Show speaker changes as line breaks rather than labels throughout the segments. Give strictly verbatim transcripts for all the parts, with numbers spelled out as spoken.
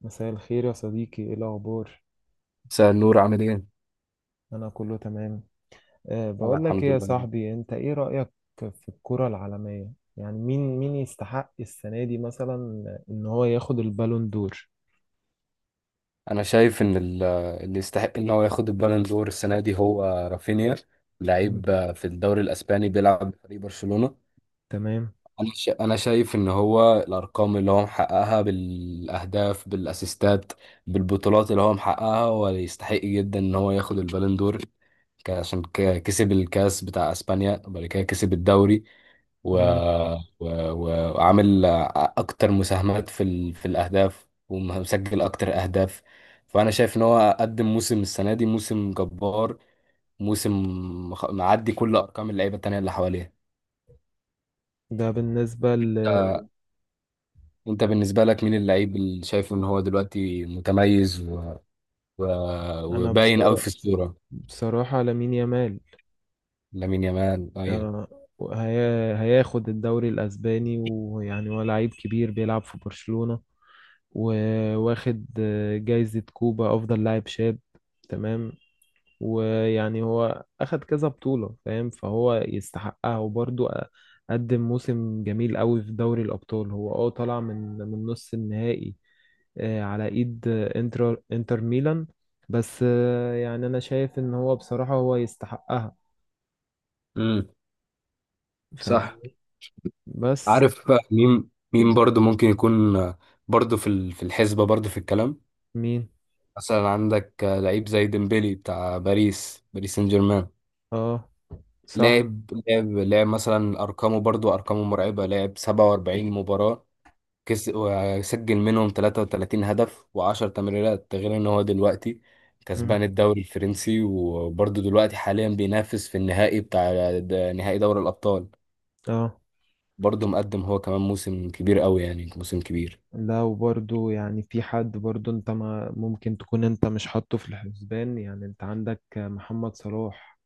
مساء الخير يا صديقي، ايه الاخبار؟
مساء النور، عامل ايه؟
انا كله تمام. أه
انا
بقول لك ايه
الحمد
يا
لله.
صاحبي، انت ايه رايك في الكره العالميه؟ يعني مين مين يستحق السنه دي مثلا ان هو ياخد البالون دور؟
انا شايف ان ال- اللي يستحق ان هو ياخد البالون دور السنه دي هو رافينيا،
مم.
لعيب في الدوري الاسباني بيلعب في فريق برشلونه.
تمام.
انا ش- انا شايف ان هو الارقام اللي هو محققها بالاهداف، بالاسيستات، بالبطولات اللي هو محققها، هو يستحق جدا ان هو ياخد البالون دور. ك- عشان ك- كسب الكاس بتاع اسبانيا وبعد كده كسب الدوري، و...
مم.
و... و- وعامل اكتر مساهمات في ال... في الاهداف، ومسجل اكتر اهداف. فانا شايف ان هو قدم موسم السنه دي موسم جبار، موسم مخ- معدي كل ارقام اللعيبه التانيه اللي حواليه.
ده بالنسبه ل...
انت بالنسبة لك مين اللعيب اللي شايفه ان هو دلوقتي متميز و... و...
انا
وباين قوي
بصرا-
في الصورة؟
بصراحه لامين يامال.
لامين يامال، ايوه.
أه هي... هياخد الدوري الاسباني، ويعني هو لعيب كبير بيلعب في برشلونه، وواخد آه، جايزه كوبا افضل لاعب شاب. تمام. ويعني هو أخد كذا بطولة، فاهم، فهو يستحقها. وبرضه أ- قدم موسم جميل قوي في دوري الأبطال. هو اه طلع من من نص النهائي آه، على إيد آه، انتر انتر ميلان. بس آه، يعني أنا شايف إن هو بصراحة هو يستحقها.
امم،
فاهم.
صح.
بس.
عارف مين مين برضو ممكن يكون برضو في ال- في الحسبة، برضو في الكلام؟
مين؟
مثلا عندك لعيب زي ديمبلي بتاع باريس باريس سان جيرمان.
اه. صح.
لاعب لاعب لاعب مثلا ارقامه، برضو ارقامه مرعبة. لاعب سبعة وأربعين مباراة كس... وسجل منهم تلاتة وتلاتين هدف وعشر تمريرات. ده غير ان هو دلوقتي
مم.
كسبان الدوري الفرنسي، وبرضه دلوقتي حاليا بينافس في النهائي بتاع د- نهائي دوري الأبطال.
اه.
برضه مقدم هو كمان موسم كبير قوي، يعني موسم كبير.
لا، وبرضه يعني في حد برضه انت ما ممكن تكون انت مش حاطه في الحسبان. يعني انت عندك محمد صلاح.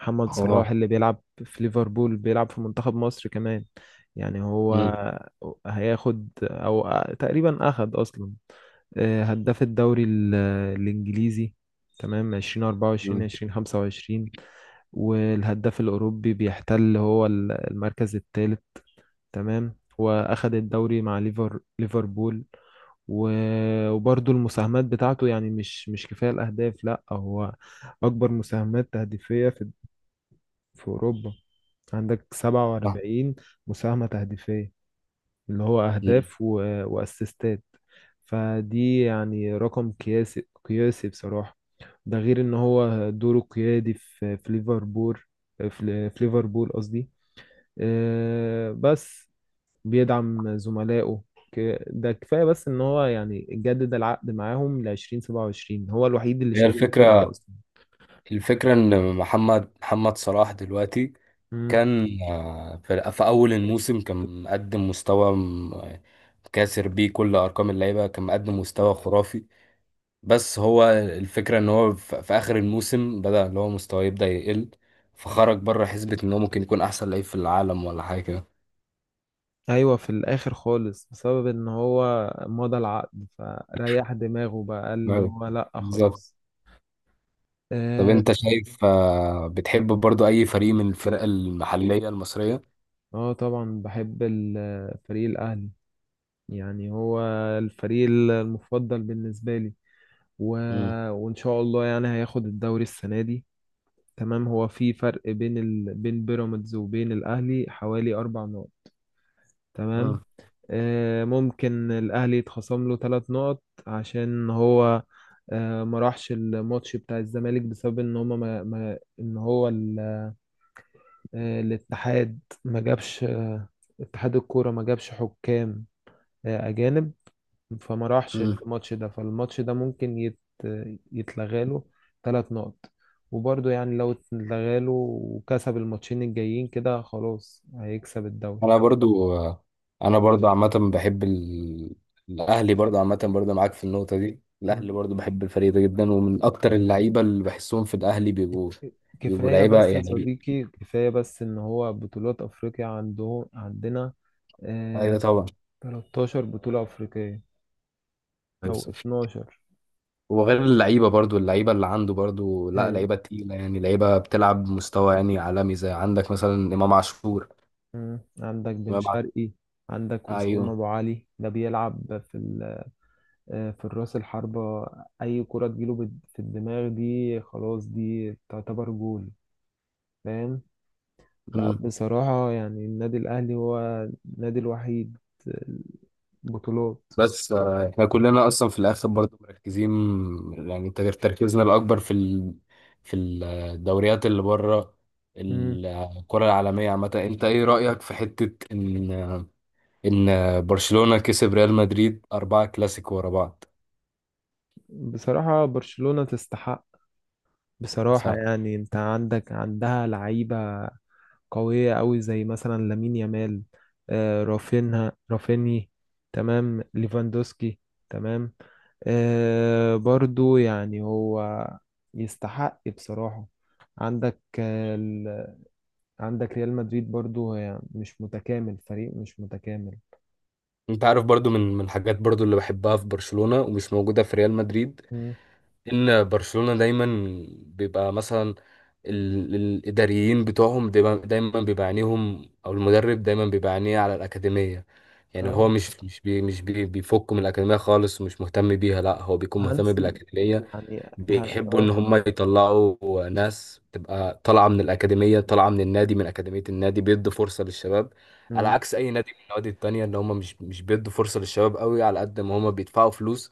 محمد
اه.
صلاح اللي بيلعب في ليفربول، بيلعب في منتخب مصر كمان. يعني هو
مم.
هياخد او تقريبا اخد اصلا آه، هداف الدوري ال- الانجليزي. تمام. ألفين وأربعة وعشرين
مم.
ألفين وخمسة وعشرين. والهداف الاوروبي بيحتل هو ال- المركز الثالث. تمام. واخد الدوري مع ليفر ليفربول. و- وبرضه المساهمات بتاعته، يعني مش مش كفاية الاهداف. لا، هو اكبر مساهمات تهديفية في في اوروبا. عندك
آه.
سبعة وأربعين مساهمة تهديفية، اللي هو
مم.
أهداف و... وأسيستات. فدي يعني رقم قياسي قياسي بصراحة. ده غير إن هو دوره قيادي في في ليفربول، في ل- في ليفربول قصدي. آه، بس بيدعم زملائه. ك- ده كفاية بس إن هو يعني جدد العقد معاهم لعشرين سبعة وعشرين. هو الوحيد اللي
هي
شايل الفرقة
الفكرة،
أصلا.
الفكرة إن محمد محمد صلاح دلوقتي كان، آه، في في أول الموسم، كان مقدم مستوى م- كاسر بيه كل أرقام اللعيبة، كان مقدم مستوى خرافي. بس هو الفكرة ان هو ف- في اخر الموسم بدأ اللي هو مستواه يبدأ يقل، فخرج بره حسبة ان هو ممكن يكون احسن لعيب في العالم ولا حاجة كده.
ايوه، في الاخر خالص بسبب ان هو مضى العقد فريح دماغه، بقى قال ان
أيوة،
هو لا
بالظبط.
خلاص.
طب
اه.
انت شايف، آه، بتحب برضو اي فريق من الفرق المحلية المصرية؟
آه طبعا بحب ال- فريق الاهلي. يعني هو الفريق المفضل بالنسبه لي. و...
مم.
وان شاء الله يعني هياخد الدوري السنه دي. تمام. هو في فرق بين ال... بين بيراميدز وبين الاهلي حوالي اربع نقط.
مم.
تمام. آه، ممكن الأهلي يتخصم له ثلاث نقط عشان هو آه، ما راحش الماتش بتاع الزمالك بسبب ان هما ما ما ان هو ال- آه، الاتحاد. ما جابش آه، اتحاد الكورة ما جابش حكام آه، أجانب. فما راحش
مم.
الماتش ده، فالماتش ده ممكن يت يتلغى له ثلاث نقط. وبرضه يعني لو اتلغى له وكسب الماتشين الجايين كده خلاص هيكسب الدوري.
انا برضو، آه، انا برضو عامة بحب ال... الاهلي، برضو عامة برضو معاك في النقطة دي. الاهلي برضو، بحب الفريق ده جدا، ومن اكتر اللعيبة اللي بحسهم في الاهلي بيبقوا، بيبقوا
كفاية
لعيبة
بس يا
يعني.
صديقي، كفاية بس إن هو بطولات أفريقيا عنده عندنا.
ايوه
آه.
طبعا.
تلتاشر بطولة أفريقية، أو اتناشر.
وغير اللعيبة، برضو اللعيبة اللي عنده برضو، لا
آه.
لعيبة تقيلة يعني، لعيبة بتلعب بمستوى يعني عالمي، زي عندك مثلا إمام عاشور،
مم، عندك بن
إمام عاشور.
شرقي. عندك وسام
أيوه.
أبو علي ده بيلعب في ال- آه في الراس الحربة. أي كرة تجيله بال- في الدماغ دي خلاص دي تعتبر جول. فاهم. لا،
مم.
بصراحة يعني النادي الأهلي هو النادي الوحيد. بطولات.
بس آه، إحنا كلنا أصلا في الآخر برضو مركزين، يعني تر- تركيزنا الأكبر في ال... في الدوريات اللي بره،
مم.
الكرة العالمية عامة. أنت إيه رأيك في حتة إن، إن برشلونة كسب ريال مدريد أربع كلاسيكو ورا بعض؟
بصراحة برشلونة تستحق. بصراحة
صح.
يعني انت عندك عندها لعيبة قوية قوي زي مثلا لامين يامال، آه رافينها رافيني. تمام. ليفاندوسكي. تمام. آه برضو يعني هو يستحق بصراحة. عندك آه ال... عندك ريال مدريد، برضو هي مش متكامل، فريق مش متكامل.
انت عارف برضو، من من الحاجات برضو اللي بحبها في برشلونة ومش موجودة في ريال مدريد،
مم.
ان برشلونة دايما بيبقى مثلا ال- الاداريين بتوعهم بيبقى دايما، بيبقى عينيهم، او المدرب دايما بيبقى عينيه على الاكاديمية. يعني هو
اه
مش مش بي مش بي بيفك من الاكاديمية خالص ومش مهتم بيها، لا هو بيكون مهتم
هانسي.
بالاكاديمية.
يعني ها
بيحبوا ان
اه
هم يطلعوا ناس تبقى طالعه من الاكاديميه، طالعه من النادي، من اكاديميه النادي، بيدوا فرصه للشباب، على عكس اي نادي من النوادي التانية اللي هم مش مش بيدوا فرصه للشباب قوي، على قد ما هم بيدفعوا فلوس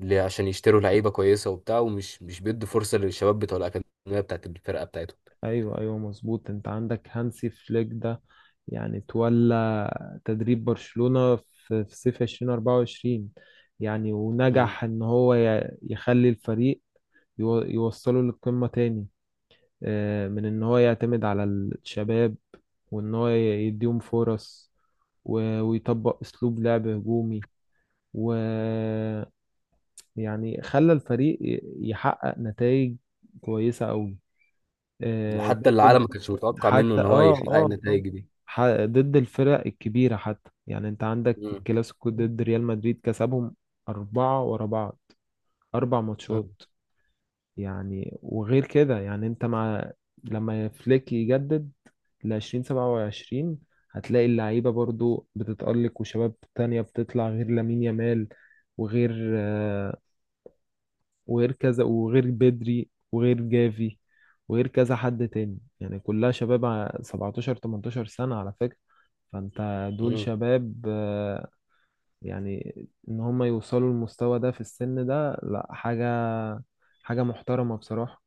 ل- عشان يشتروا لعيبه كويسه وبتاع، ومش مش بيدوا فرصه للشباب بتوع الاكاديميه بتاعت الفرقه بتاعتهم.
ايوه ايوه مظبوط، انت عندك هانسي فليك ده. يعني تولى تدريب برشلونة في في صيف ألفين وأربعة وعشرين. يعني
مم.
ونجح ان هو ي- يخلي الفريق يو- يوصله للقمة تاني آه، من ان هو يعتمد على الشباب، وان هو ي- يديهم فرص. و- ويطبق اسلوب لعب هجومي. ويعني خلى الفريق ي- يحقق نتائج كويسة قوي.
حتى
ضد
العالم ما كانش متوقع منه
حتى
ان هو
اه
يحقق
اه اه
النتائج دي.
ح- ضد الفرق الكبيرة. حتى يعني انت عندك في
مم.
الكلاسيكو ضد ريال مدريد كسبهم أربعة ورا بعض، أربع ماتشات. يعني وغير كده، يعني انت مع لما فليك يجدد لعشرين سبعة وعشرين، هتلاقي اللعيبة برضو بتتألق وشباب تانية بتطلع غير لامين يامال. وغير آه، وغير كذا وغير بدري وغير جافي وغير كذا حد تاني. يعني كلها شباب ع- سبعتاشر ثمانية عشر سنة على فكرة. فانت دول
مم.
شباب. آه، يعني ان هم يوصلوا للمستوى ده في السن ده، لا حاجة، حاجة محترمة بصراحة.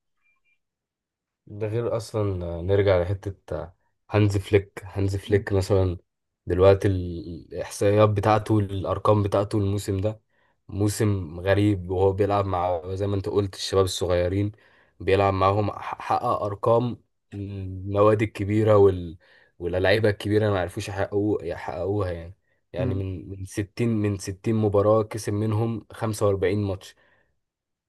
ده غير اصلا، آه، نرجع لحته، آه، هانز فليك، هانز
مم.
فليك مثلا دلوقتي ال- الاحصائيات بتاعته، الارقام بتاعته، الموسم ده موسم غريب، وهو بيلعب مع زي ما انت قلت الشباب الصغيرين، بيلعب معاهم ح- حقق ارقام النوادي الكبيره، وال واللعيبه الكبيره ما عرفوش يحققوا، يحققوها يعني. يعني
مم.
من من ستين من ستين مباراه كسب منهم خمسة وأربعين ماتش،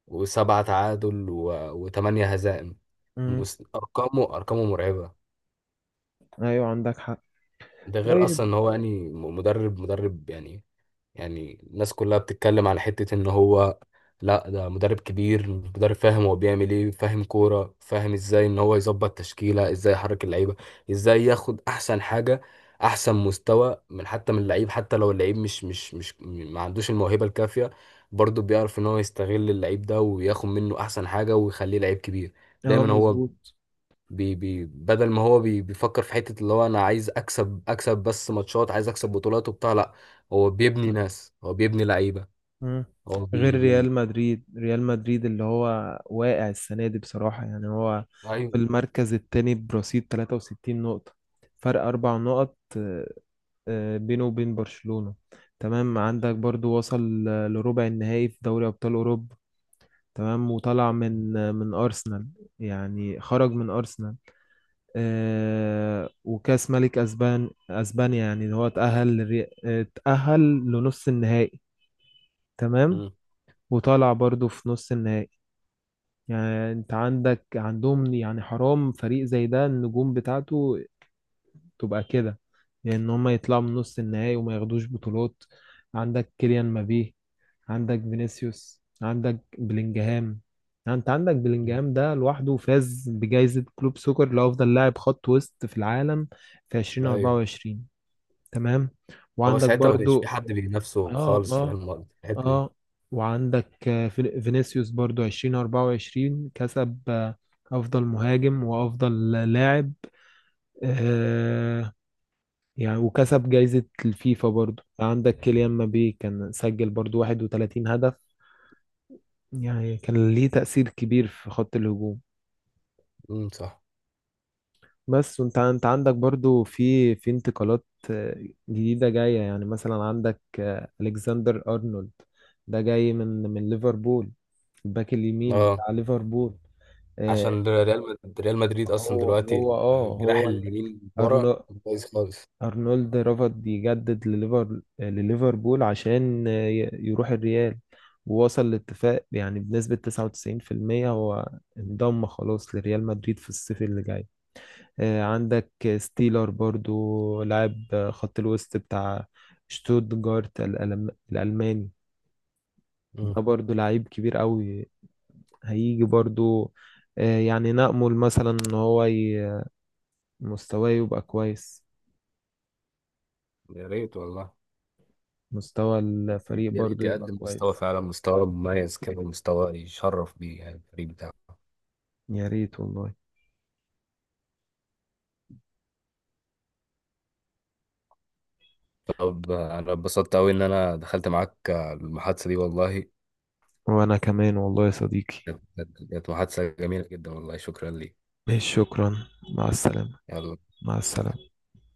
وسبعة تعادل، وثمان هزائم.
مم.
مس- ارقامه، ارقامه مرعبه.
ايوه، عندك حق.
ده غير اصلا
طيب.
ان هو يعني م- مدرب، مدرب يعني. يعني الناس كلها بتتكلم على حته ان هو، لا ده مدرب كبير، مدرب فاهم هو بيعمل ايه، فاهم كوره، فاهم ازاي ان هو يظبط تشكيله، ازاي يحرك اللعيبه، ازاي ياخد احسن حاجه، احسن مستوى، من حتى من اللعيب. حتى لو اللعيب مش مش مش م- ما عندوش الموهبه الكافيه، برضه بيعرف ان هو يستغل اللعيب ده وياخد منه احسن حاجه ويخليه لعيب كبير.
اه،
دايما هو
مظبوط.
بي بي بدل ما هو بي بيفكر في حتة اللي هو انا عايز اكسب، اكسب بس ماتشات، عايز اكسب بطولات وبتاع، لا هو بيبني ناس، هو بيبني لعيبة.
مم.
هو
غير
بي بي
ريال مدريد. ريال مدريد اللي هو واقع السنة دي بصراحة. يعني هو
ايوه.
في المركز التاني برصيد ثلاثة وستين نقطة، فرق أربع نقط آه، آه، بينه وبين برشلونة. تمام. عندك برضو وصل آه، لربع النهائي في دوري أبطال أوروبا. تمام. وطلع من آه، من أرسنال، يعني خرج من أرسنال. آه، وكأس ملك أسبان أسبانيا يعني اللي هو اتأهل لري- اتأهل لنص النهائي. تمام.
مم.
وطالع برضو في نص النهائي. يعني انت عندك عندهم، يعني حرام فريق زي ده، النجوم بتاعته تبقى كده، لان هم يطلعوا من نص النهائي وما ياخدوش بطولات. عندك كيليان مبابي، عندك فينيسيوس، عندك بلينجهام. يعني انت عندك
مم.
بلينجهام ده لوحده فاز بجائزة كلوب سوكر لأفضل لاعب خط وسط في العالم في
ايوه.
ألفين وأربعة وعشرين. تمام.
هو
وعندك
ساعتها ما كانش في
برضو
حد بينافسه
اه
خالص في
اه
الم- في الحتة دي.
اه وعندك آه، فين- فينيسيوس برضو ألفين وأربعة وعشرين كسب آه، افضل مهاجم وافضل لاعب. آه. يعني وكسب جايزة الفيفا. برضو عندك كيليان مبابي كان سجل برضو واحد وثلاثين هدف. يعني كان ليه تأثير كبير في خط الهجوم.
امم، صح.
بس. وانت انت عندك برضو في في انتقالات آه، جديدة جاية. يعني مثلا عندك آه، الكسندر ارنولد، ده جاي من من ليفربول، الباك اليمين
اه.
بتاع ليفربول. آه،
عشان ريال مد- ريال مدريد اصلا
هو هو
دلوقتي
اه
الجناح
هو
اليمين ورا
أرنو
كويس خالص.
أرنولد رفض يجدد لليفر لليفربول عشان آه، ي- يروح الريال. ووصل لاتفاق يعني بنسبة تسعة وتسعين في المية هو انضم خلاص لريال مدريد في الصيف اللي جاي. آه، عندك ستيلر برضو لاعب آه، خط الوسط بتاع شتوتجارت الألم- الألماني.
مم.
ده برضو لعيب كبير قوي. هيجي برضو آه، يعني نأمل مثلا إن هو ي- مستواه يبقى كويس،
يا ريت والله.
مستوى الفريق
يا
برضو
ريت
يبقى
يقدم مستوى
كويس.
فعلا، مستوى مميز كده، مستوى يشرف بيه يعني الفريق بتاعه.
يا ريت والله.
طب انا اتبسطت قوي ان انا دخلت معاك المحادثة دي والله.
وأنا كمان والله يا صديقي.
كانت كانت محادثة جميلة جدا والله، شكرا لي.
ماشي، شكرا. مع السلامة.
يلا،
مع
سلام.
السلامة.